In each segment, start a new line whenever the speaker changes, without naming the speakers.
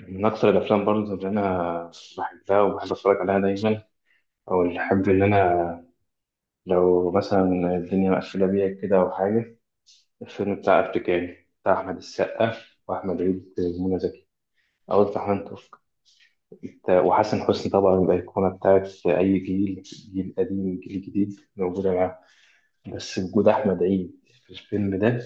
من أكثر الأفلام برضه اللي أنا بحبها وبحب أتفرج عليها دايما، أو اللي أحب إن أنا لو مثلا الدنيا مقفلة بيا كده أو حاجة، الفيلم بتاع أفريكاني بتاع أحمد السقا وأحمد عيد ومنى زكي، أو بتاع حنان ترك وحسن حسني. طبعا الأيقونة بتاعت أي جيل، جيل قديم جيل جديد موجودة معاه. بس وجود أحمد عيد في الفيلم ده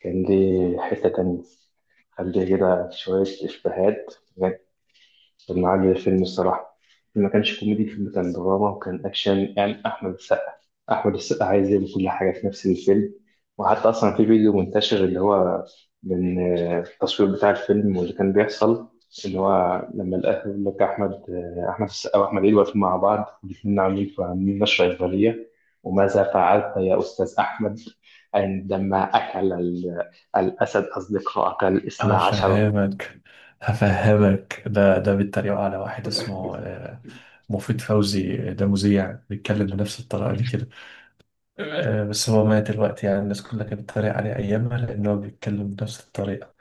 كان ليه حتة تانية، خليه كده شوية إشباهات. كان عالي الفيلم الصراحة، ما كانش كوميدي، الفيلم كان دراما وكان أكشن. يعني أحمد السقا عايز يعمل كل حاجة في نفس الفيلم. وحتى أصلا في فيديو منتشر اللي هو من التصوير بتاع الفيلم واللي كان بيحصل، اللي هو لما الأهل يقول لك أحمد، أحمد السقا وأحمد عيد واقفين مع بعض الاتنين عاملين نشرة إخبارية، وماذا فعلت يا أستاذ أحمد عندما أكل الأسد أصدقائك الاثنا عشر؟
هفهمك هفهمك. ده بيتريقوا على واحد اسمه مفيد فوزي، ده مذيع بيتكلم بنفس الطريقة دي كده. بس هو مات دلوقتي، يعني الناس كلها كانت بتتريق عليه أيامها لأن هو بيتكلم بنفس الطريقة.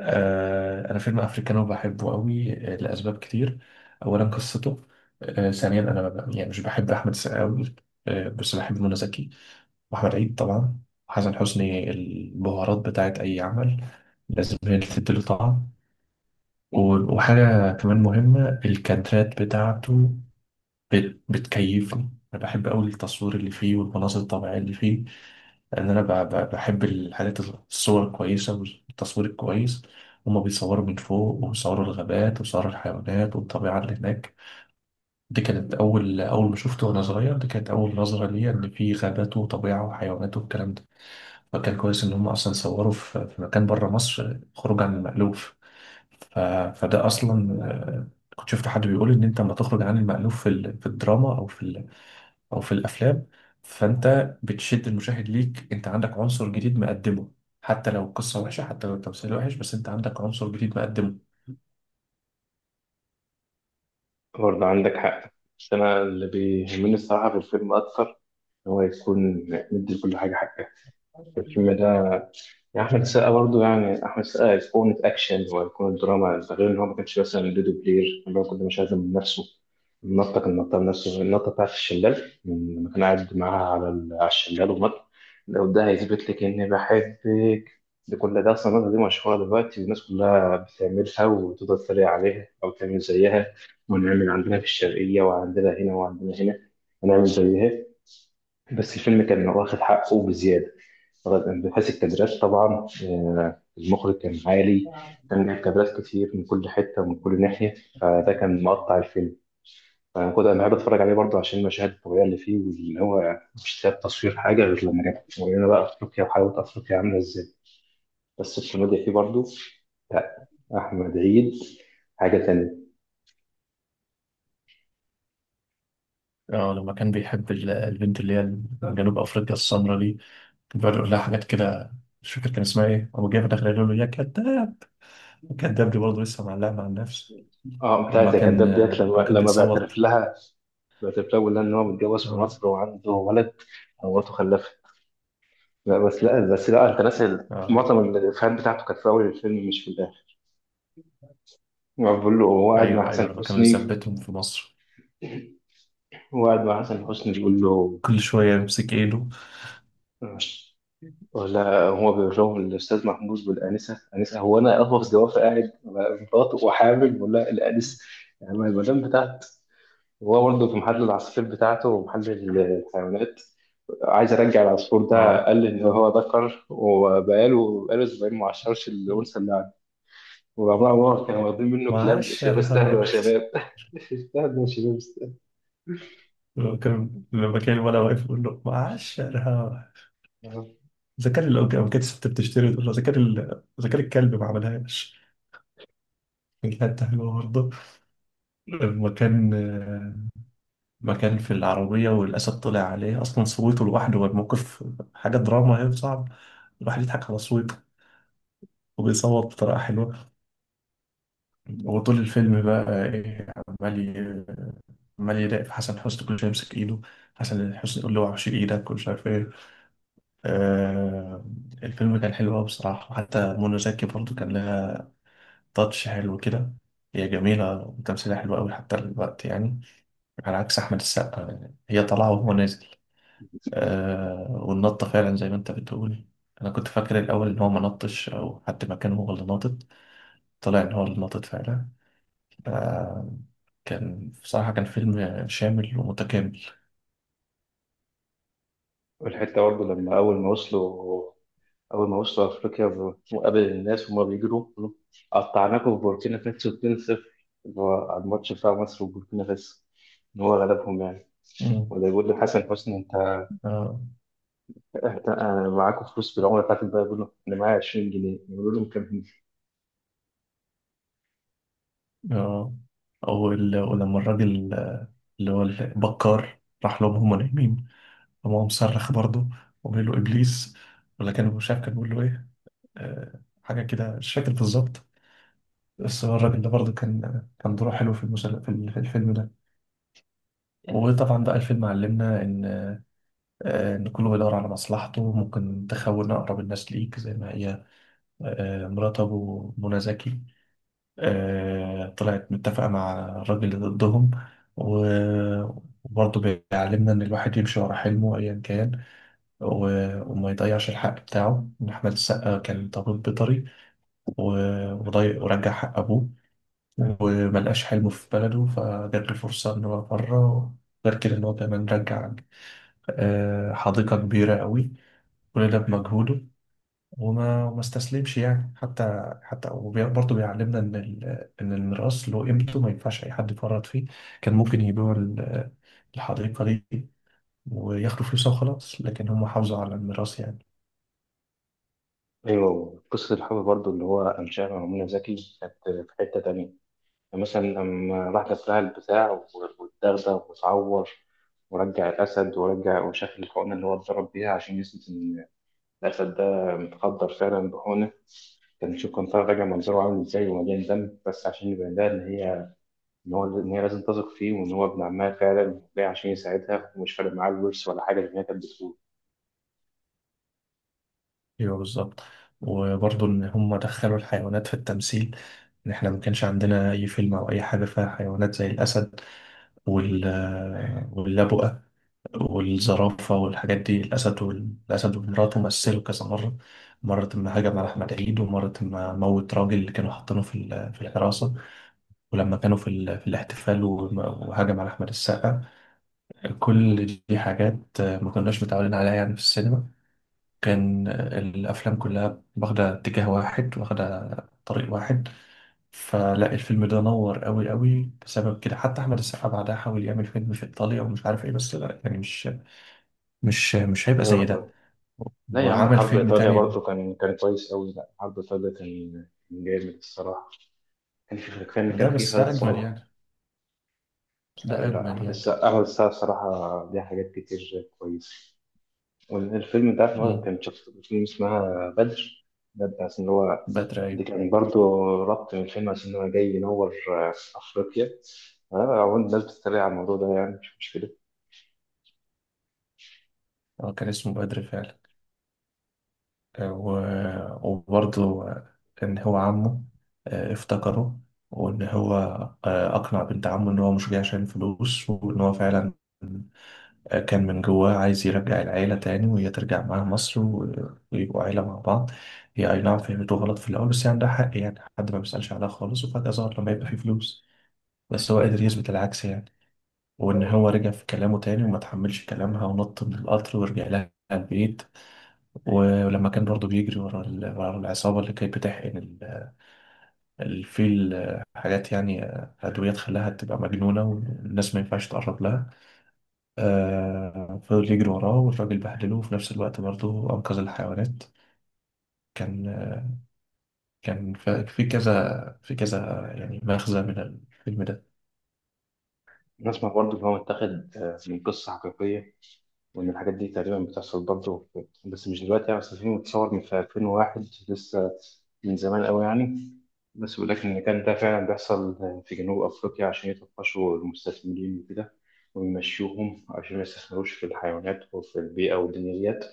أنا فيلم أفريكانو بحبه قوي لأسباب كتير. أولا قصته. ثانيا أنا ما ب- يعني مش بحب أحمد السقا قوي، بس بحب منى زكي وأحمد عيد طبعا. وحسن حسني، البهارات بتاعت أي عمل لازم هي اللي تديله طعم. وحاجة كمان مهمة، الكادرات بتاعته بتكيفني. أنا بحب أوي التصوير اللي فيه والمناظر الطبيعية اللي فيه، لأن أنا بحب الحاجات الصور الكويسة والتصوير الكويس. هما بيصوروا من فوق، وبيصوروا الغابات وبيصوروا الحيوانات والطبيعة اللي هناك. دي كانت أول ما شفته وأنا صغير، دي كانت أول نظرة ليا إن في غابات وطبيعة وحيوانات والكلام ده. فكان كويس إن هما أصلا صوروا في مكان بره مصر، خروج عن المألوف. ف... فده اصلا كنت شفت حد بيقول ان انت لما تخرج عن المألوف في الدراما او في الافلام، فانت بتشد المشاهد ليك، انت عندك عنصر جديد مقدمه. حتى لو القصه وحشه، حتى لو التمثيل وحش، بس انت عندك عنصر جديد مقدمه.
برضه عندك حق، بس أنا اللي بيهمني الصراحة في الفيلم أكتر إن هو يكون مدي لكل حاجة حقها. الفيلم ده يعني أحمد السقا، برضه يعني أحمد السقا أيقونة أكشن وأيقونة دراما، ده غير إن هو ما كانش مثلا دودو بلير اللي هو كل مش عايز من نفسه النطة، كان نطة نفسه، النطة بتاعت الشلال لما كان قاعد معاها على على الشلال ونط، لو ده هيثبت لك إني بحبك. ده كل ده أصلا النطة دي مشهورة دلوقتي والناس كلها بتعملها وتفضل تتريق عليها أو تعمل زيها، ونعمل عندنا في الشرقية وعندنا هنا وعندنا هنا ونعمل زيها. بس الفيلم كان واخد حقه بزيادة، بحيث الكادرات طبعا، المخرج كان عالي، كان جايب كادرات كتير من كل حتة ومن كل ناحية، فده كان مقطع الفيلم. فأنا كنت أنا بحب أتفرج عليه برضه عشان المشاهد الطبيعية اللي فيه، واللي هو مش ساب تصوير حاجة غير لما جاب ورينا بقى أفريقيا وحلاوة أفريقيا عاملة إزاي. بس الكوميديا فيه برضه، لا، أحمد عيد حاجة تانية.
اه، لما كان بيحب البنت اللي هي من جنوب افريقيا السمراء دي، كان بيقعد يقول لها حاجات كده. مش فاكر كان اسمها ايه، هو جاي في الاخر يقول له يا كذاب. الكذاب دي برضه لسه معلقه مع النفس.
اه،
وما
بتاعت يا
كان
كداب ديت، لما
وما كان
لما
بيصوت.
بيعترف لها، بيعترف لها ويقول لها إن هو متجوز في مصر وعنده ولد ومراته خلفت. لا بس، لا بس، لا انت ناسي
اه.
معظم الافيهات بتاعته كانت في اول الفيلم مش في الاخر. هو بيقول له، هو قاعد مع
ايوه ايوه،
حسن
لما كانوا
حسني،
يثبتهم في مصر
هو قاعد مع حسن حسني بيقول له،
كل شوية يمسك ايده.
ولا هو بيقول لهم الاستاذ محمود والانسه، انسه هو انا اهوف زوافه قاعد على مراته وحامل، ولا الانسه يعني المدام بتاعت. هو برضه في محل العصافير بتاعته ومحل الحيوانات، عايز ارجع العصفور ده،
اه،
قال لي ان هو ذكر وبقاله اسبوعين ما عشرش الانثى اللي، وعمر كانوا واخدين منه كلاب شباب، استهلوا
معشرها.
يا شباب استهلوا يا شباب استهلوا.
لما كان ولا واقف يقول له معشرها، اذا كان، لو لو كانت الست بتشتري تقول له اذا كان اذا كان الكلب ما عملهاش. كانت حتة حلوه برضه. لما كان لما كان في العربيه والاسد طلع عليه، اصلا صوته لوحده والموقف حاجه دراما، هي صعب الواحد يضحك على صوته، وبيصوت بطريقه حلوه. وطول الفيلم بقى ايه، عمال ي- عمال يراقب في حسن حسني، كل شويه يمسك ايده، حسن حسني يقول له وحش ايدك ومش عارف ايه. آه، الفيلم كان حلو قوي بصراحه. وحتى منى زكي برضو كان لها تاتش حلو كده، هي جميله وتمثيلها حلو قوي حتى الوقت يعني، على عكس احمد السقا، يعني هي طالعه وهو نازل. آه، والنطه فعلا زي ما انت بتقول، انا كنت فاكر الاول ان هو ما نطش او حد مكانه هو اللي ناطط، طلع ان هو اللي ناطط فعلا. آه، كان بصراحة، كان فيلم شامل ومتكامل.
والحتة برضه لما أول ما وصلوا أفريقيا، وقابل الناس وهما بيجروا يقولوا قطعناكم في بوركينا فاسو 2-0، اللي هو على الماتش بتاع مصر وبوركينا فاسو، إن هو غلبهم يعني.
مم.
ولا يقول لحسن حسني
آه،
أنا معاكم فلوس بالعملة بتاعتك بقى، يقول له أنا معايا 20 جنيه، يقول لهم كام هنا؟
آه، أو ولما الراجل، اللي هو البكار، راح لهم هم نايمين، قام هو مصرخ برضه وقال له إبليس، ولا كان مش عارف كان بيقول له إيه، حاجة كده مش فاكر بالظبط. بس هو الراجل ده برضه كان دوره حلو في في الفيلم ده. وطبعا بقى الفيلم علمنا إن، إن كله بيدور على مصلحته، ممكن تخون أقرب الناس ليك زي ما هي، مرات أبو منى زكي، طلعت متفقة مع الراجل اللي ضدهم. و- وبرضه بيعلمنا إن الواحد يمشي ورا حلمه أيا كان، وما يضيعش الحق بتاعه، إن أحمد السقا كان ضابط بيطري وضيع ورجع حق أبوه، وملقاش حلمه في بلده فجات له فرصة إن هو بره، غير كده إن هو كمان رجع حديقة كبيرة قوي، كل ده بمجهوده. وما استسلمش يعني. حتى وبرضه بيعلمنا ان ان الميراث له قيمته، ما ينفعش اي حد يفرط فيه. كان ممكن يبيعوا الحديقه دي وياخدوا فلوسها وخلاص، لكن هم حافظوا على الميراث يعني.
أيوه، قصة الحب برضه اللي هو أنشأها مع منى زكي كانت في حتة تانية. مثلا لما راح دبها البتاع واتدغدغ واتعور، ورجع الأسد ورجع وشكل الحقنة اللي هو اتضرب بيها عشان يثبت إن الأسد ده متخدر فعلا بحقنة، كان نشوف كان طالع راجع منظره عامل إزاي ومليان دم، بس عشان يبين لها إن هي لازم تثق فيه وإن هو ابن عمها فعلا جاي عشان يساعدها، ومش فارق معاه الورث ولا حاجة زي ما هي كانت بتقول.
ايوه بالظبط. وبرضه ان هم دخلوا الحيوانات في التمثيل، ان احنا ما كانش عندنا اي فيلم او اي حاجه فيها حيوانات زي الاسد وال واللبؤه والزرافة والحاجات دي. الأسد والأسد ومراته مثلوا كذا مرة، مرة ما هجم على أحمد عيد، ومرة ما موت راجل اللي كانوا حاطينه في في الحراسة، ولما كانوا في، في الاحتفال وهجم على أحمد السقا. كل دي حاجات ما كناش متعودين عليها يعني في السينما. كان الأفلام كلها واخدة اتجاه واحد، واخدة طريق واحد، فلا الفيلم ده نور قوي قوي بسبب كده. حتى أحمد السقا بعدها حاول يعمل فيلم في إيطاليا ومش عارف إيه، بس لا يعني مش هيبقى
أيوة
زي ده.
والله. لا يا عم،
وعمل
حرب
فيلم
إيطاليا
تاني بقى.
برضه كان كويس أوي، لا حرب إيطاليا كان كان جامد الصراحة. كان في كان
ده
كان في
بس ده
خالد
أجمل
صالح.
يعني، ده
لا،
أجمل
أحمد
يعني.
السقا أحمد السقا الصراحة ليه حاجات كتير كويسة. والفيلم ده هو
مم.
كان شخص فيلم اسمها بدر، ده بتاع إن هو،
بدر،
دي
أيوة.
كان برضو ربط من الفيلم عشان هو جاي ينور، أفريقيا. هو الناس بتتريق على الموضوع ده يعني مش مشكلة.
هو كان اسمه بدر فعلا. آه، و... وبرضه إن هو عمه، افتكره. وإن هو أقنع بنت عمه إن هو مش جاي عشان فلوس، وإن هو فعلا كان من جواه عايز يرجع العيلة تاني، وهي ترجع معاه مصر ويبقوا عيلة مع بعض. هي أي نعم فهمته غلط في الأول، بس يعني ده حق يعني، حد ما بيسألش عليها خالص وفجأة ظهر لما يبقى فيه فلوس، بس هو قادر يثبت العكس يعني. وإن هو رجع في كلامه تاني وما تحملش كلامها ونط من القطر ورجع لها البيت. ولما كان برضه بيجري ورا ورا العصابة اللي كانت بتحقن الفيل، حاجات يعني أدوية تخليها تبقى مجنونة والناس ما ينفعش تقرب لها، فضل يجري وراه والراجل بهدله، وفي نفس الوقت برضه أنقذ الحيوانات. كان آه، كان في كذا يعني مغزى من الفيلم ده.
نسمع برضو إن هو متاخد من قصة حقيقية، وإن الحاجات دي تقريبا بتحصل برضه، بس مش دلوقتي يعني. بس الفيلم اتصور من في 2001 لسه، من زمان قوي يعني. بس بيقول لك إن كان ده فعلا بيحصل في جنوب أفريقيا عشان يطفشوا المستثمرين وكده، ويمشوهم عشان ما يستثمروش في الحيوانات وفي البيئة والدنيا ديت.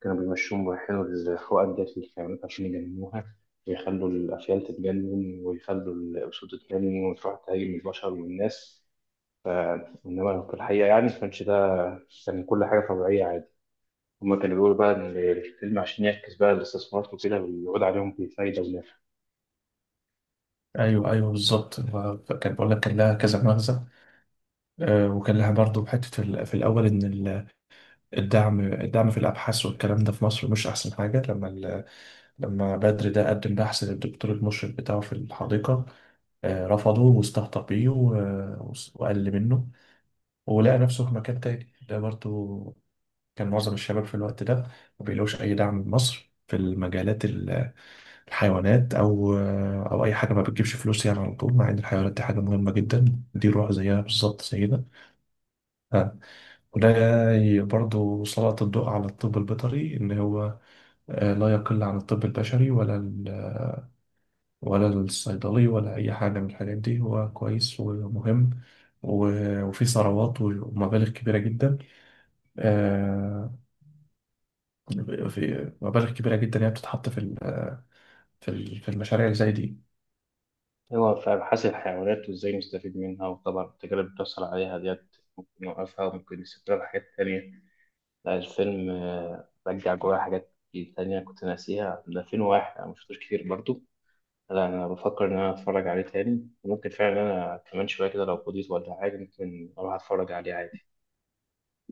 كانوا بيمشوهم ويحيلوا الحقن ديت للحيوانات عشان يجننوها، ويخلوا الأفيال تتجنن ويخلوا الأسود تتجنن وتروح تهاجم البشر والناس. إنما في الحقيقة يعني ما كانش ده، كان كل حاجة طبيعية عادي. هما كانوا بيقولوا بقى إن الفيلم عشان يعكس بقى الاستثمارات وكده، ويعود عليهم بفايدة ونفع.
أيوه أيوه بالظبط، هو كان بقول لك كان لها كذا مغزى. وكان لها برضه حتة في الأول، إن الدعم في الأبحاث والكلام ده في مصر مش أحسن حاجة. لما لما بدر ده قدم بحث للدكتور المشرف بتاعه في الحديقة، رفضه واستهتر بيه وقل منه، ولقى نفسه في مكان تاني. ده برضه كان معظم الشباب في الوقت ده ما بيلاقوش أي دعم من مصر في المجالات الحيوانات أو أو أي حاجة، ما بتجيبش فلوس يعني على طول، مع إن الحيوانات دي حاجة مهمة جدا، دي روح زيها بالظبط زينا. وده برضو سلط الضوء على الطب البيطري، إن هو لا يقل عن الطب البشري ولا الصيدلي ولا أي حاجة من الحاجات دي، هو كويس ومهم. وفي ثروات ومبالغ كبيرة جدا، آه، في مبالغ كبيرة جدا هي بتتحط في في المشاريع اللي زي دي.
هو فاهم، حاسب الحيوانات وإزاي نستفيد منها، وطبعا التجارب اللي بتحصل عليها ديت ممكن نوقفها وممكن نستفيد حاجات تانية. لا الفيلم رجع جوايا حاجات كتير تانية كنت ناسيها، ده فين واحد أنا مشفتوش كتير برضو. لا أنا بفكر إن أنا أتفرج عليه تاني، وممكن فعلا أنا كمان شوية كده لو فضيت ولا حاجة ممكن أروح أتفرج عليه عادي.